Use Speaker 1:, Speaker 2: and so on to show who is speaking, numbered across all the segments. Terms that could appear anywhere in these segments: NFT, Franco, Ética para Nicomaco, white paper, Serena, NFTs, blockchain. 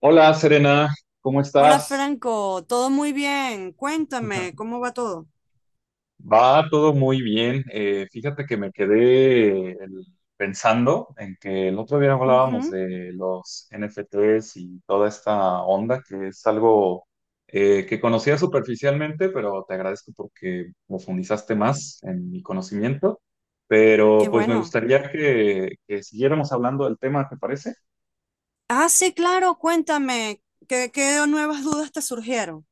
Speaker 1: Hola, Serena, ¿cómo
Speaker 2: Hola
Speaker 1: estás?
Speaker 2: Franco, todo muy bien. Cuéntame, ¿cómo va todo?
Speaker 1: Va todo muy bien. Fíjate que me quedé pensando en que el otro día hablábamos
Speaker 2: Ujú.
Speaker 1: de los NFTs y toda esta onda, que es algo que conocía superficialmente, pero te agradezco porque profundizaste más en mi conocimiento. Pero
Speaker 2: Qué
Speaker 1: pues me
Speaker 2: bueno.
Speaker 1: gustaría que siguiéramos hablando del tema, ¿te parece?
Speaker 2: Ah, sí, claro, cuéntame. ¿Qué nuevas dudas te surgieron?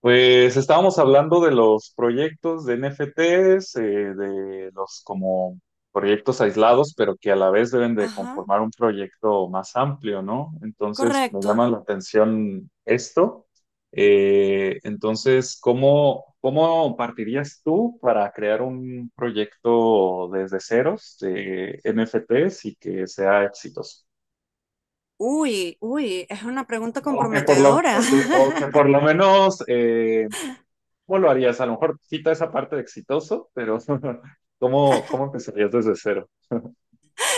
Speaker 1: Pues estábamos hablando de los proyectos de NFTs, de los como proyectos aislados, pero que a la vez deben de
Speaker 2: Ajá,
Speaker 1: conformar un proyecto más amplio, ¿no? Entonces me
Speaker 2: correcto.
Speaker 1: llama la atención esto. Entonces, ¿cómo partirías tú para crear un proyecto desde ceros de NFTs y que sea exitoso?
Speaker 2: Uy, uy, es una pregunta
Speaker 1: O que por lo,
Speaker 2: comprometedora.
Speaker 1: o que por lo menos¿cómo lo harías? A lo mejor quita esa parte de exitoso, pero ¿cómo empezarías desde cero?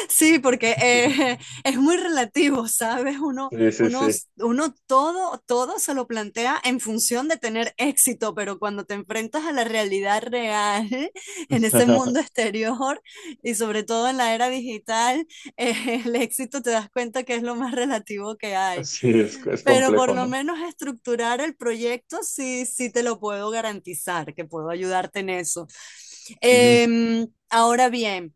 Speaker 2: Sí, porque es muy relativo, ¿sabes?
Speaker 1: Sí, sí,
Speaker 2: Uno,
Speaker 1: sí.
Speaker 2: uno todo se lo plantea en función de tener éxito, pero cuando te enfrentas a la realidad real, en ese mundo exterior y sobre todo en la era digital, el éxito te das cuenta que es lo más relativo que hay.
Speaker 1: Sí, es
Speaker 2: Pero por
Speaker 1: complejo,
Speaker 2: lo
Speaker 1: ¿no?
Speaker 2: menos estructurar el proyecto sí, sí te lo puedo garantizar, que puedo ayudarte en eso.
Speaker 1: Ujú,
Speaker 2: Ahora bien.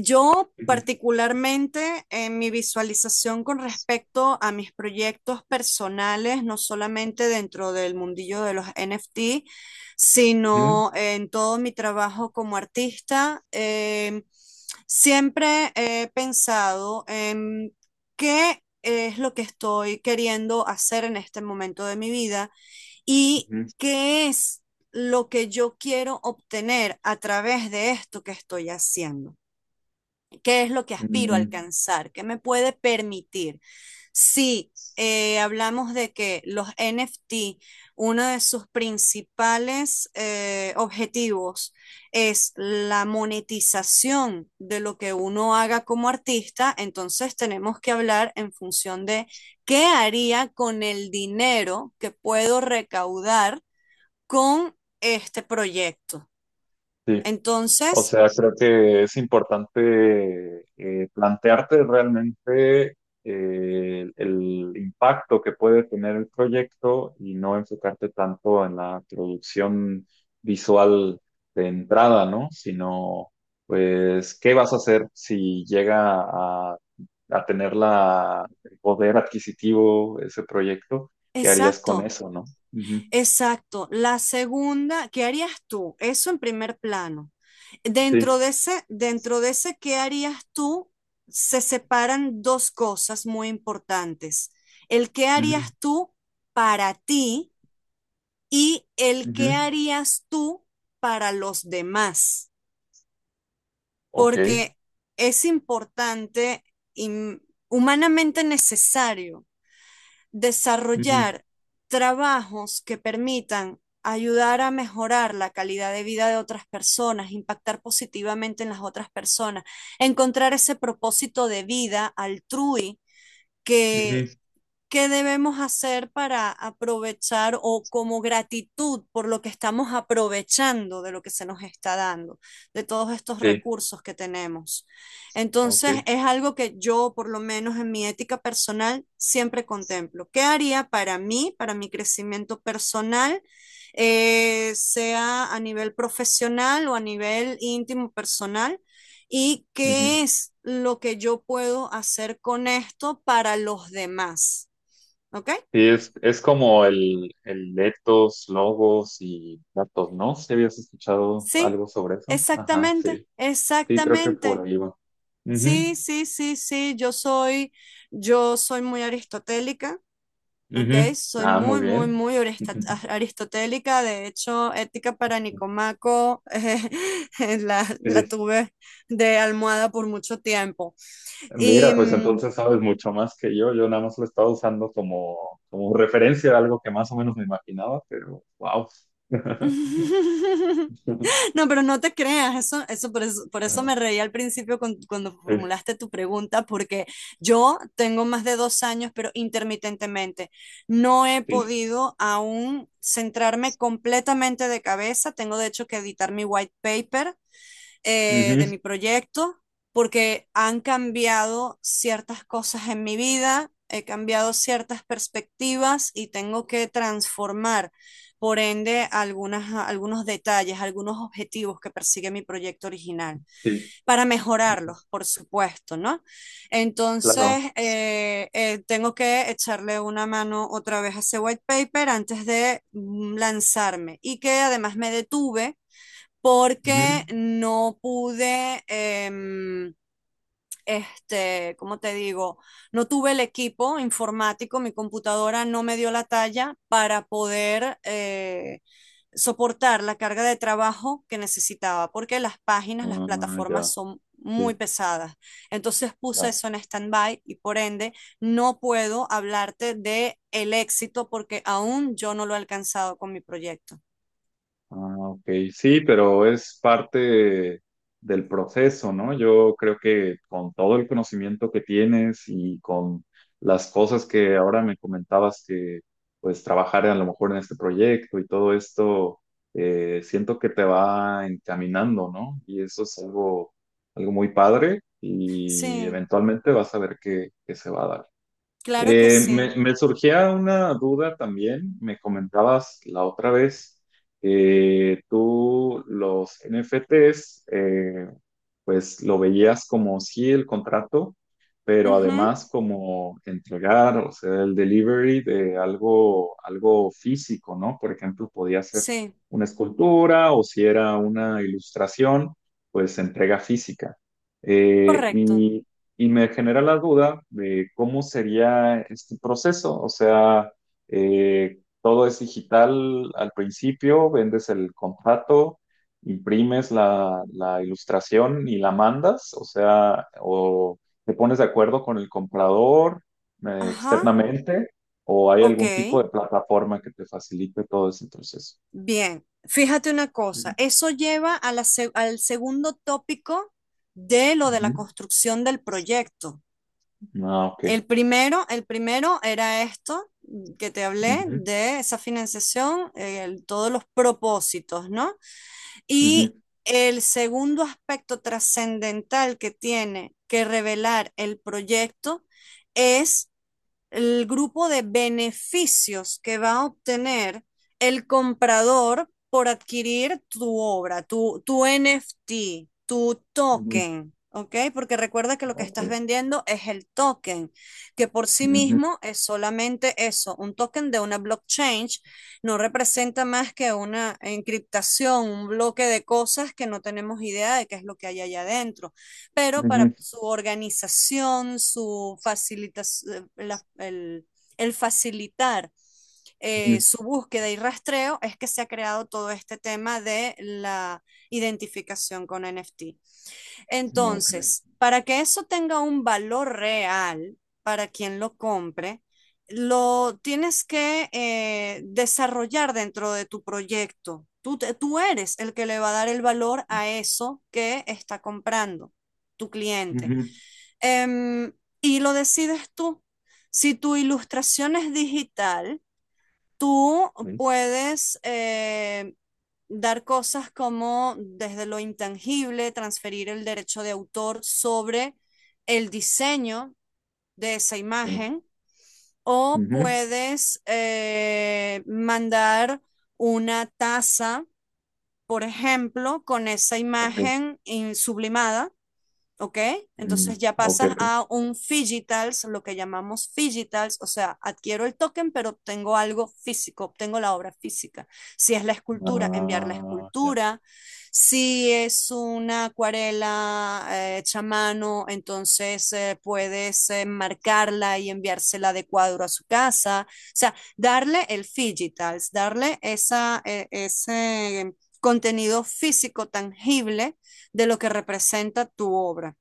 Speaker 2: Yo
Speaker 1: ujú,
Speaker 2: particularmente en mi visualización con respecto a mis proyectos personales, no solamente dentro del mundillo de los NFT,
Speaker 1: ujú,
Speaker 2: sino en todo mi trabajo como artista, siempre he pensado en qué es lo que estoy queriendo hacer en este momento de mi vida y
Speaker 1: ujú,
Speaker 2: qué es lo que yo quiero obtener a través de esto que estoy haciendo, qué es lo que aspiro a
Speaker 1: ujú.
Speaker 2: alcanzar, qué me puede permitir. Si hablamos de que los NFT, uno de sus principales objetivos es la monetización de lo que uno haga como artista, entonces tenemos que hablar en función de qué haría con el dinero que puedo recaudar con este proyecto.
Speaker 1: Sí. O
Speaker 2: Entonces,
Speaker 1: sea, creo que es importante plantearte realmente el impacto que puede tener el proyecto y no enfocarte tanto en la producción visual de entrada, ¿no? Sino, pues, ¿qué vas a hacer si llega a, a tener el poder adquisitivo ese proyecto? ¿Qué harías con
Speaker 2: exacto.
Speaker 1: eso, no? Ujú,
Speaker 2: Exacto, la segunda, ¿qué harías tú? Eso en primer plano. Dentro
Speaker 1: sí.
Speaker 2: de ese, dentro de ese, ¿qué harías tú? Se separan dos cosas muy importantes. El qué
Speaker 1: Ujú,
Speaker 2: harías tú para ti y el
Speaker 1: ujú,
Speaker 2: qué harías tú para los demás,
Speaker 1: ok.
Speaker 2: porque es importante y humanamente necesario
Speaker 1: Ujú,
Speaker 2: desarrollar trabajos que permitan ayudar a mejorar la calidad de vida de otras personas, impactar positivamente en las otras personas, encontrar ese propósito de vida altrui que
Speaker 1: ujú,
Speaker 2: ¿Qué debemos hacer para aprovechar, o como gratitud por lo que estamos aprovechando de lo que se nos está dando, de todos estos
Speaker 1: sí.
Speaker 2: recursos que tenemos?
Speaker 1: Ok.
Speaker 2: Entonces, es algo que yo, por lo menos en mi ética personal, siempre contemplo. ¿Qué haría para mí, para mi crecimiento personal, sea a nivel profesional o a nivel íntimo personal? ¿Y
Speaker 1: Ujú.
Speaker 2: qué es lo que yo puedo hacer con esto para los demás? ¿Ok?
Speaker 1: Sí, es como el etos, logos y datos, ¿no? ¿Si habías escuchado
Speaker 2: Sí,
Speaker 1: algo sobre eso? Ajá,
Speaker 2: exactamente,
Speaker 1: sí. Sí, creo que por
Speaker 2: exactamente.
Speaker 1: ahí va. Ujú,
Speaker 2: Sí, sí, sí, sí, yo soy muy aristotélica, ¿ok?
Speaker 1: ujú.
Speaker 2: Soy
Speaker 1: Ah, muy
Speaker 2: muy, muy,
Speaker 1: bien.
Speaker 2: muy orista-
Speaker 1: Ujú.
Speaker 2: a- aristotélica. De hecho, Ética para Nicomaco la
Speaker 1: Sí.
Speaker 2: tuve de almohada por mucho tiempo. Y
Speaker 1: Mira, pues entonces sabes mucho más que yo. Yo nada más lo estaba usando como, como referencia a algo que más o menos me imaginaba, pero wow.
Speaker 2: No, pero no te creas, eso por eso me
Speaker 1: Ajá.
Speaker 2: reí al principio cuando
Speaker 1: Sí,
Speaker 2: formulaste tu pregunta, porque yo tengo más de 2 años, pero intermitentemente no he
Speaker 1: sí.
Speaker 2: podido aún centrarme completamente de cabeza. Tengo de hecho que editar mi white paper
Speaker 1: Ujú,
Speaker 2: de mi proyecto, porque han cambiado ciertas cosas en mi vida, he cambiado ciertas perspectivas y tengo que transformar, por ende, algunos detalles, algunos objetivos que persigue mi proyecto original,
Speaker 1: sí.
Speaker 2: para
Speaker 1: Ujú,
Speaker 2: mejorarlos, por supuesto, ¿no?
Speaker 1: claro.
Speaker 2: Entonces, tengo que echarle una mano otra vez a ese white paper antes de lanzarme, y que además me detuve
Speaker 1: Ujú.
Speaker 2: porque no pude, este, ¿cómo te digo? No tuve el equipo informático, mi computadora no me dio la talla para poder soportar la carga de trabajo que necesitaba, porque las páginas, las
Speaker 1: Ah,
Speaker 2: plataformas
Speaker 1: ya,
Speaker 2: son muy
Speaker 1: sí,
Speaker 2: pesadas. Entonces puse
Speaker 1: ya.
Speaker 2: eso en stand-by y por ende no puedo hablarte de el éxito porque aún yo no lo he alcanzado con mi proyecto.
Speaker 1: Ah, ok, sí, pero es parte del proceso, ¿no? Yo creo que con todo el conocimiento que tienes y con las cosas que ahora me comentabas que pues trabajar a lo mejor en este proyecto y todo esto, siento que te va encaminando, ¿no? Y eso es algo, algo muy padre y
Speaker 2: Sí,
Speaker 1: eventualmente vas a ver que se va a dar.
Speaker 2: claro que sí.
Speaker 1: Me surgía una duda también. Me comentabas la otra vez que tú los NFTs, pues lo veías como sí el contrato, pero
Speaker 2: Ujú.
Speaker 1: además como entregar, o sea, el delivery de algo, algo físico, ¿no? Por ejemplo, podía ser
Speaker 2: Sí,
Speaker 1: una escultura o si era una ilustración, pues entrega física. Eh,
Speaker 2: correcto.
Speaker 1: y y me genera la duda de cómo sería este proceso. O sea, todo es digital al principio, vendes el contrato, imprimes la ilustración y la mandas. O sea, o te pones de acuerdo con el comprador
Speaker 2: Ajá,
Speaker 1: externamente, o hay
Speaker 2: ok,
Speaker 1: algún tipo de plataforma que te facilite todo ese proceso.
Speaker 2: bien. Fíjate una
Speaker 1: Ujú.
Speaker 2: cosa, eso lleva a al segundo tópico de lo de la
Speaker 1: Ujú.
Speaker 2: construcción del proyecto.
Speaker 1: Ah, ok.
Speaker 2: El primero era esto, que te hablé
Speaker 1: Ujú,
Speaker 2: de esa financiación, todos los propósitos, ¿no?
Speaker 1: ujú,
Speaker 2: Y el segundo aspecto trascendental que tiene que revelar el proyecto es el grupo de beneficios que va a obtener el comprador por adquirir tu obra, tu NFT, tu
Speaker 1: ujú,
Speaker 2: token, ¿ok? Porque recuerda que lo que estás
Speaker 1: ok.
Speaker 2: vendiendo es el token, que por sí
Speaker 1: Ujú,
Speaker 2: mismo es solamente eso, un token de una blockchain, no representa más que una encriptación, un bloque de cosas que no tenemos idea de qué es lo que hay allá adentro, pero para
Speaker 1: ujú,
Speaker 2: su organización, su facilitación, el, facilitar
Speaker 1: ujú,
Speaker 2: su búsqueda y rastreo, es que se ha creado todo este tema de la identificación con NFT.
Speaker 1: no, ok.
Speaker 2: Entonces, para que eso tenga un valor real para quien lo compre, lo tienes que desarrollar dentro de tu proyecto. Tú eres el que le va a dar el valor a eso que está comprando tu cliente.
Speaker 1: Ujú.
Speaker 2: Em, y lo decides tú. Si tu ilustración es digital, tú
Speaker 1: Sí,
Speaker 2: puedes dar cosas como desde lo intangible, transferir el derecho de autor sobre el diseño de esa
Speaker 1: sí.
Speaker 2: imagen, o
Speaker 1: Ujú.
Speaker 2: puedes mandar una taza, por ejemplo, con esa
Speaker 1: Ok.
Speaker 2: imagen sublimada. ¿Ok?
Speaker 1: Mm,
Speaker 2: Entonces ya
Speaker 1: ok,
Speaker 2: pasas
Speaker 1: ok.
Speaker 2: a un digitals, lo que llamamos digitals, o sea, adquiero el token, pero obtengo algo físico, obtengo la obra física. Si es la escultura, enviar la
Speaker 1: Ah, ya.
Speaker 2: escultura. Si es una acuarela hecha a mano, entonces puedes marcarla y enviársela de cuadro a su casa. O sea, darle el digitals, darle ese contenido físico tangible de lo que representa tu obra.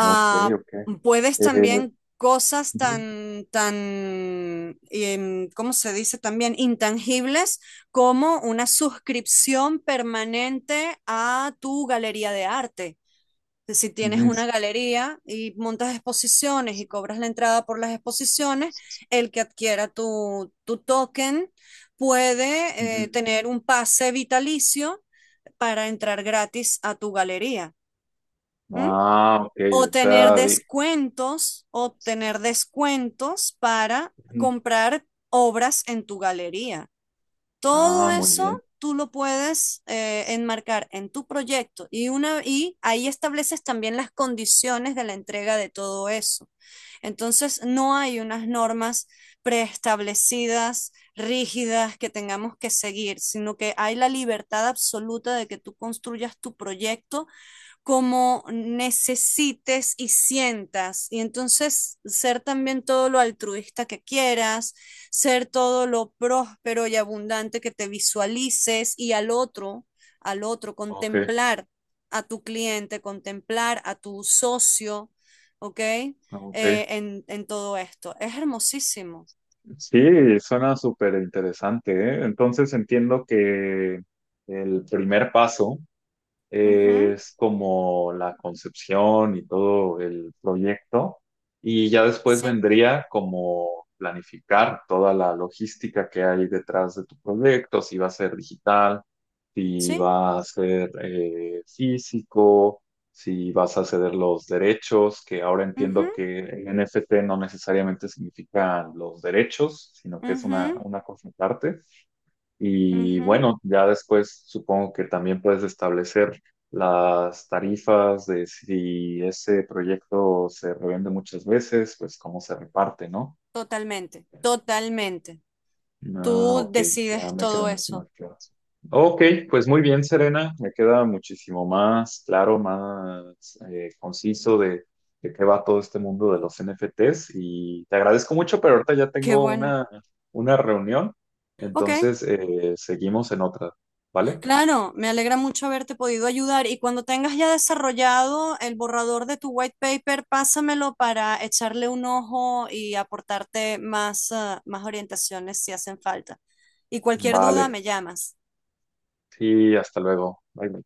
Speaker 1: Ok, ok.
Speaker 2: puedes
Speaker 1: Eh,
Speaker 2: también cosas
Speaker 1: ujú,
Speaker 2: tan, ¿cómo se dice? También intangibles, como una suscripción permanente a tu galería de arte. Si tienes
Speaker 1: ujú.
Speaker 2: una galería y montas exposiciones y cobras la entrada por las exposiciones, el que adquiera tu token puede
Speaker 1: Ujú.
Speaker 2: tener un pase vitalicio para entrar gratis a tu galería. ¿Mm?
Speaker 1: Ah, ok.
Speaker 2: O
Speaker 1: O
Speaker 2: tener
Speaker 1: sea, di-
Speaker 2: descuentos, obtener descuentos para
Speaker 1: ujú.
Speaker 2: comprar obras en tu galería.
Speaker 1: Ah,
Speaker 2: Todo
Speaker 1: muy
Speaker 2: eso
Speaker 1: bien.
Speaker 2: tú lo puedes enmarcar en tu proyecto, y ahí estableces también las condiciones de la entrega de todo eso. Entonces, no hay unas normas preestablecidas, rígidas, que tengamos que seguir, sino que hay la libertad absoluta de que tú construyas tu proyecto como necesites y sientas. Y entonces ser también todo lo altruista que quieras, ser todo lo próspero y abundante que te visualices y al otro,
Speaker 1: Ok,
Speaker 2: contemplar a tu cliente, contemplar a tu socio, ¿ok?
Speaker 1: ok.
Speaker 2: En, todo esto. Es hermosísimo.
Speaker 1: Sí, suena súper interesante, ¿eh? Entonces entiendo que el primer paso
Speaker 2: Uh -huh.
Speaker 1: es como la concepción y todo el proyecto, y ya después
Speaker 2: Sí,
Speaker 1: vendría como planificar toda la logística que hay detrás de tu proyecto, si va a ser digital, si
Speaker 2: sí.
Speaker 1: va a ser físico, si vas a ceder los derechos, que ahora
Speaker 2: Uh
Speaker 1: entiendo
Speaker 2: -huh.
Speaker 1: que en NFT no necesariamente significan los derechos, sino que es
Speaker 2: Uh
Speaker 1: una cosa aparte. Y
Speaker 2: -huh.
Speaker 1: bueno, ya después supongo que también puedes establecer las tarifas de si ese proyecto se revende muchas veces, pues cómo se reparte, ¿no?
Speaker 2: Totalmente, totalmente.
Speaker 1: Ah,
Speaker 2: Tú
Speaker 1: ok, ya
Speaker 2: decides
Speaker 1: me
Speaker 2: todo
Speaker 1: quedan mucho
Speaker 2: eso.
Speaker 1: más claras. Ok, pues muy bien, Serena, me queda muchísimo más claro, más conciso de qué va todo este mundo de los NFTs y te agradezco mucho, pero ahorita ya
Speaker 2: Qué
Speaker 1: tengo
Speaker 2: bueno.
Speaker 1: una reunión,
Speaker 2: Ok,
Speaker 1: entonces seguimos en otra, ¿vale?
Speaker 2: claro, me alegra mucho haberte podido ayudar y cuando tengas ya desarrollado el borrador de tu white paper, pásamelo para echarle un ojo y aportarte más orientaciones si hacen falta. Y cualquier duda,
Speaker 1: Vale,
Speaker 2: me llamas.
Speaker 1: sí, hasta luego. Bye.